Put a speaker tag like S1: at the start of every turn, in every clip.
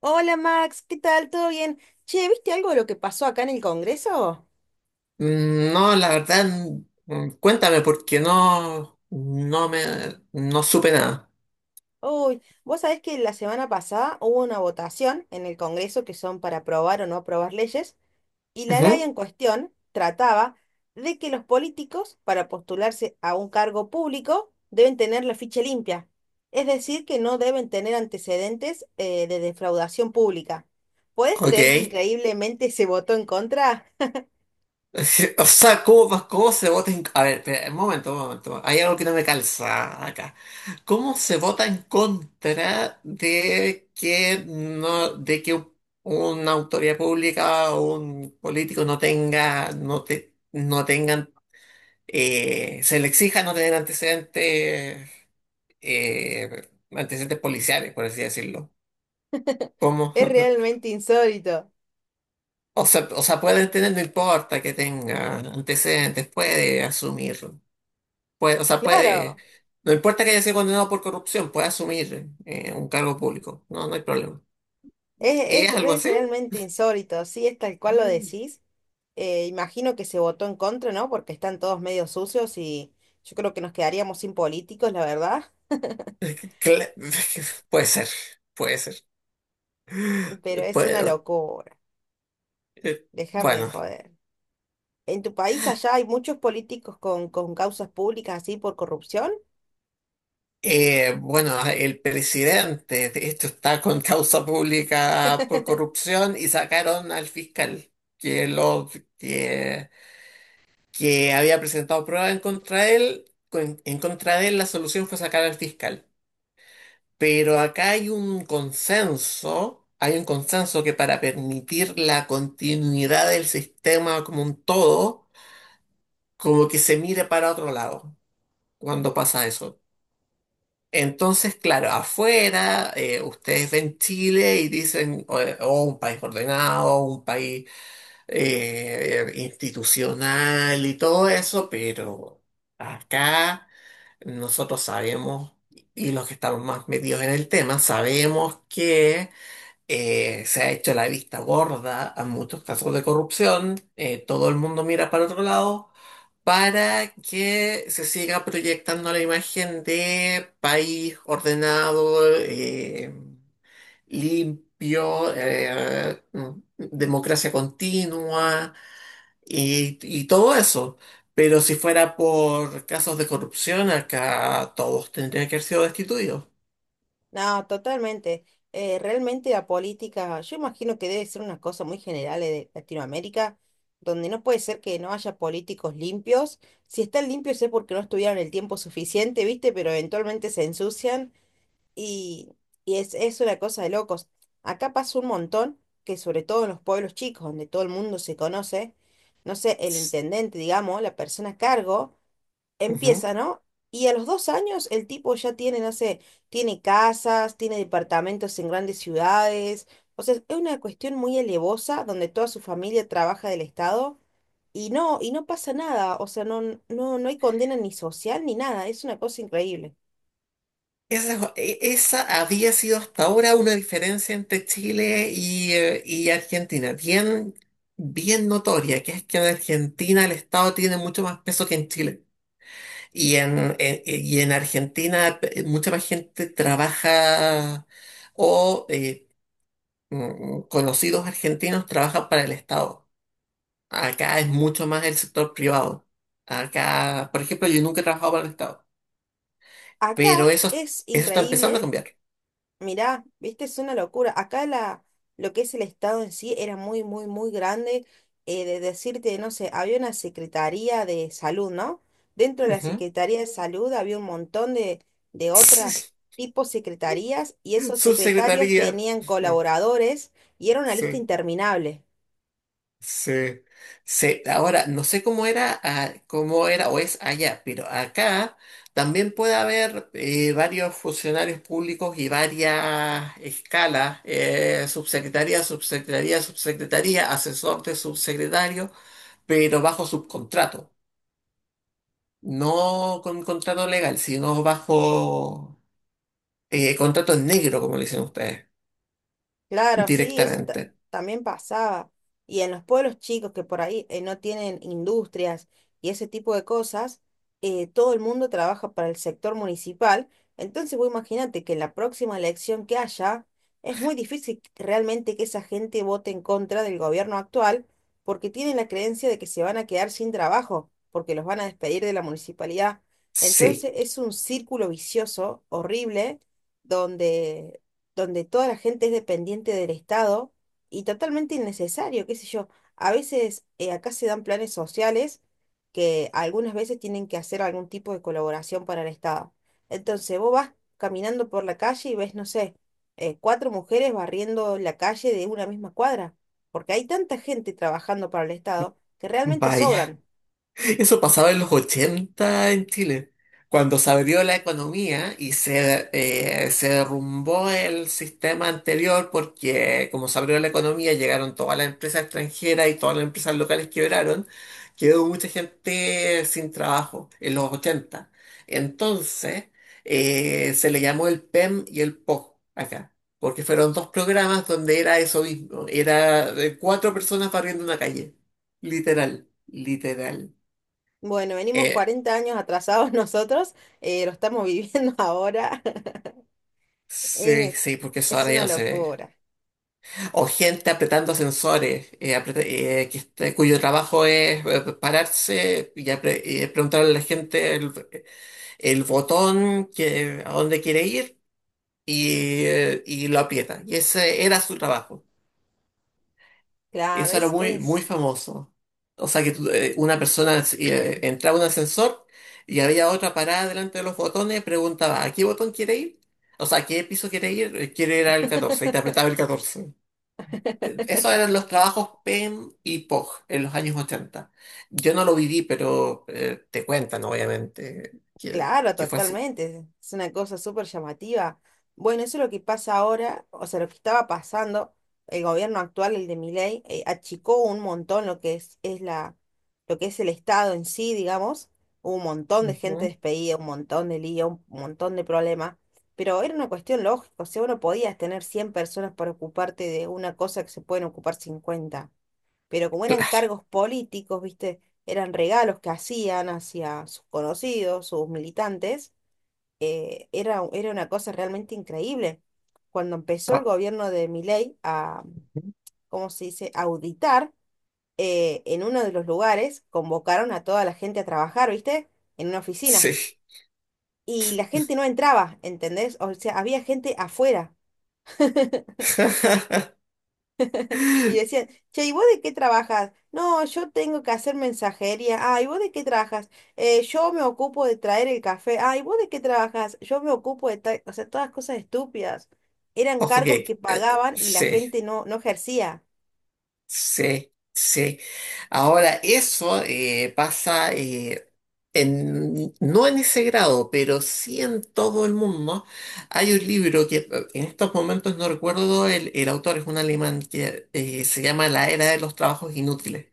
S1: Hola Max, ¿qué tal? ¿Todo bien? Che, ¿viste algo de lo que pasó acá en el Congreso?
S2: No, la verdad, cuéntame porque no supe nada.
S1: Uy, vos sabés que la semana pasada hubo una votación en el Congreso que son para aprobar o no aprobar leyes y la ley
S2: Ujú.
S1: en cuestión trataba de que los políticos para postularse a un cargo público deben tener la ficha limpia, es decir, que no deben tener antecedentes de defraudación pública. ¿Podés
S2: Ok.
S1: creer que increíblemente se votó en contra?
S2: O sea, ¿cómo se vota en... A ver, espera, un momento. Hay algo que no me calza acá. ¿Cómo se vota en contra de que no, una autoridad pública o un político no tengan, se le exija no tener antecedentes, antecedentes policiales, por así decirlo. ¿Cómo?
S1: Es realmente insólito.
S2: O sea, puede tener, no importa que tenga antecedentes, puede asumir, puede,
S1: Claro.
S2: no importa que haya sido condenado por corrupción, puede asumir un cargo público, no, no hay problema. ¿Es
S1: Es, es,
S2: algo
S1: es
S2: así?
S1: realmente insólito, sí, es tal cual lo decís. Imagino que se votó en contra, ¿no? Porque están todos medio sucios y yo creo que nos quedaríamos sin políticos, la verdad.
S2: Cla- puede ser, puede ser.
S1: Pero es una
S2: Puede-
S1: locura. Déjame de
S2: bueno.
S1: joder. ¿En tu país allá hay muchos políticos con causas públicas así por corrupción?
S2: Bueno, el presidente, de hecho, está con causa pública por corrupción y sacaron al fiscal que, lo, que, que había presentado pruebas en contra de él. En contra de él, la solución fue sacar al fiscal. Pero acá hay un consenso que para permitir la continuidad del sistema como un todo, como que se mire para otro lado cuando pasa eso. Entonces, claro, afuera, ustedes ven Chile y dicen, oh, un país ordenado, un país institucional y todo eso, pero acá nosotros sabemos, y los que estamos más metidos en el tema, sabemos que se ha hecho la vista gorda a muchos casos de corrupción. Todo el mundo mira para otro lado para que se siga proyectando la imagen de país ordenado, limpio, democracia continua y todo eso. Pero si fuera por casos de corrupción, acá todos tendrían que haber sido destituidos.
S1: No, totalmente. Realmente la política, yo imagino que debe ser una cosa muy general de Latinoamérica, donde no puede ser que no haya políticos limpios. Si están limpios es porque no estuvieron el tiempo suficiente, ¿viste? Pero eventualmente se ensucian y, y es una cosa de locos. Acá pasa un montón que sobre todo en los pueblos chicos, donde todo el mundo se conoce, no sé, el intendente, digamos, la persona a cargo.
S2: Ujú.
S1: Empieza, ¿no? Y a los 2 años el tipo ya tiene, no sé, tiene casas, tiene departamentos en grandes ciudades. O sea, es una cuestión muy elevosa donde toda su familia trabaja del Estado y no pasa nada. O sea, no, no hay condena ni social ni nada. Es una cosa increíble.
S2: Esa había sido hasta ahora una diferencia entre Chile y Argentina, bien, bien notoria, que es que en Argentina el Estado tiene mucho más peso que en Chile. Y y en Argentina mucha más gente trabaja o conocidos argentinos trabajan para el Estado. Acá es mucho más el sector privado. Acá, por ejemplo, yo nunca he trabajado para el Estado, pero
S1: Acá
S2: eso,
S1: es
S2: eso está empezando a
S1: increíble.
S2: cambiar.
S1: Mirá, viste, es una locura. Lo que es el Estado en sí era muy, muy, muy grande. De decirte, no sé, había una Secretaría de Salud, ¿no? Dentro de la
S2: Ujú.
S1: Secretaría de Salud había un montón de
S2: Sí.
S1: otras tipos secretarías y esos secretarios
S2: Subsecretaría.
S1: tenían
S2: Eh,
S1: colaboradores y era una lista
S2: Sí,
S1: interminable.
S2: sí, sí. Ahora, no sé cómo era, ah, cómo era o es allá, pero acá también puede haber varios funcionarios públicos y varias escalas, subsecretaría, subsecretaría, subsecretaría, asesor de subsecretario, pero bajo subcontrato, no con contrato legal, sino bajo contrato en negro, como le dicen ustedes,
S1: Claro, sí,
S2: directamente.
S1: también pasaba. Y en los pueblos chicos que por ahí no tienen industrias y ese tipo de cosas, todo el mundo trabaja para el sector municipal. Entonces, vos imagínate que en la próxima elección que haya, es muy difícil realmente que esa gente vote en contra del gobierno actual porque tienen la creencia de que se van a quedar sin trabajo, porque los van a despedir de la municipalidad.
S2: Sí,
S1: Entonces, es un círculo vicioso horrible donde donde toda la gente es dependiente del Estado y totalmente innecesario, qué sé yo. A veces acá se dan planes sociales que algunas veces tienen que hacer algún tipo de colaboración para el Estado. Entonces vos vas caminando por la calle y ves, no sé, cuatro mujeres barriendo la calle de una misma cuadra, porque hay tanta gente trabajando para el Estado que realmente
S2: vaya.
S1: sobran.
S2: Eso pasaba en los 80 en Chile, cuando se abrió la economía y se derrumbó el sistema anterior porque como se abrió la economía llegaron todas las empresas extranjeras y todas las empresas locales quebraron, quedó mucha gente sin trabajo en los 80. Entonces se le llamó el PEM y el POG acá. Porque fueron dos programas donde era eso mismo, era de cuatro personas barriendo una calle. Literal, literal.
S1: Bueno, venimos
S2: Eh,
S1: 40 años atrasados nosotros, lo estamos viviendo ahora.
S2: sí,
S1: Es,
S2: sí, porque eso
S1: es
S2: ahora ya
S1: una
S2: no se ve.
S1: locura.
S2: O gente apretando sensores, cuyo trabajo es pararse y preguntarle a la gente el botón que, a dónde quiere ir y lo aprieta. Y ese era su trabajo.
S1: Claro,
S2: Eso era muy, muy
S1: es,
S2: famoso. O sea que tú, una persona entraba a un ascensor y había otra parada delante de los botones, preguntaba, ¿a qué botón quiere ir? O sea, ¿a qué piso quiere ir? Quiere ir al 14 y te apretaba el 14. Esos eran los trabajos PEM y POG en los años ochenta. Yo no lo viví, pero te cuentan, obviamente,
S1: claro,
S2: que fue así.
S1: totalmente. Es una cosa súper llamativa. Bueno, eso es lo que pasa ahora, o sea, lo que estaba pasando, el gobierno actual, el de Milei, achicó un montón lo que es el Estado en sí, digamos. Hubo un montón de gente
S2: Ujú.
S1: despedida, un montón de lío, un montón de problemas. Pero era una cuestión lógica, o sea, vos no podías tener 100 personas para ocuparte de una cosa que se pueden ocupar 50, pero como eran
S2: Claro.
S1: cargos políticos, ¿viste? Eran regalos que hacían hacia sus conocidos, sus militantes, era una cosa realmente increíble. Cuando empezó el
S2: Ah,
S1: gobierno de Milei a, ¿cómo se dice?, auditar, en uno de los lugares convocaron a toda la gente a trabajar, ¿viste? En una oficina.
S2: sí.
S1: Y la gente no entraba, ¿entendés? O sea, había gente afuera. Y decían, che, ¿y vos de qué trabajas? No, yo tengo que hacer mensajería. Ah, ¿y vos de qué trabajas? Yo me ocupo de traer el café. Ah, ¿y vos de qué trabajas? Yo me ocupo de traer... O sea, todas cosas estúpidas. Eran
S2: Ojo
S1: cargos que
S2: que,
S1: pagaban y la
S2: sí.
S1: gente no ejercía.
S2: Sí, sí. Ahora, eso pasa, en, no en ese grado, pero sí en todo el mundo. Hay un libro que, en estos momentos no recuerdo, el autor es un alemán que se llama La Era de los Trabajos Inútiles,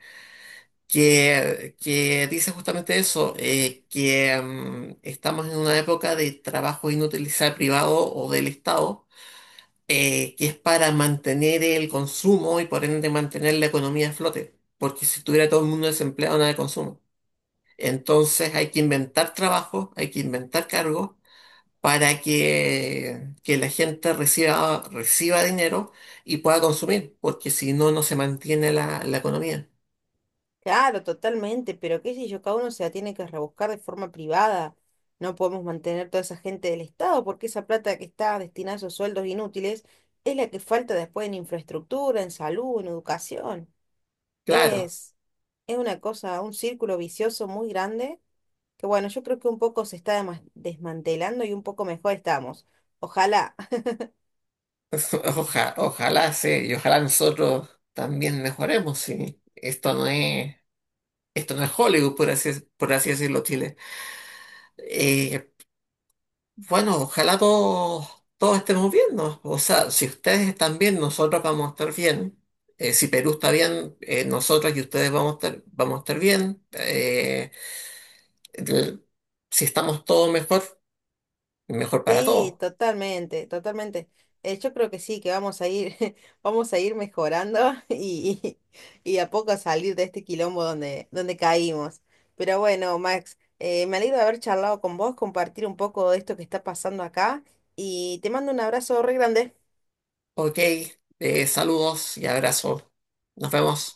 S2: que dice justamente eso, que estamos en una época de trabajo inútil, sea privado o del Estado, que es para mantener el consumo y por ende mantener la economía a flote, porque si estuviera todo el mundo desempleado, nada de consumo. Entonces hay que inventar trabajo, hay que inventar cargos para que la gente reciba, reciba dinero y pueda consumir, porque si no, no se mantiene la economía.
S1: Claro, totalmente, pero qué sé yo, cada uno se la tiene que rebuscar de forma privada. No podemos mantener toda esa gente del Estado porque esa plata que está destinada a esos sueldos inútiles es la que falta después en infraestructura, en salud, en educación.
S2: Claro,
S1: Es, es una cosa, un círculo vicioso muy grande, que bueno, yo creo que un poco se está desmantelando y un poco mejor estamos. Ojalá.
S2: ojalá se y ojalá nosotros también mejoremos, sí. Esto no es Hollywood, por así decirlo, Chile. Eh, bueno, ojalá todos, todos estemos bien, ¿no? O sea, si ustedes están bien, nosotros vamos a estar bien. Si Perú está bien, nosotros y ustedes vamos a estar bien. El- si estamos todos mejor, mejor para
S1: Sí,
S2: todos.
S1: totalmente, totalmente. Yo creo que sí, que vamos a ir mejorando y, y a poco a salir de este quilombo donde, donde caímos. Pero bueno, Max, me alegro de haber charlado con vos, compartir un poco de esto que está pasando acá y te mando un abrazo re grande.
S2: Ok, saludos y abrazos. Nos vemos.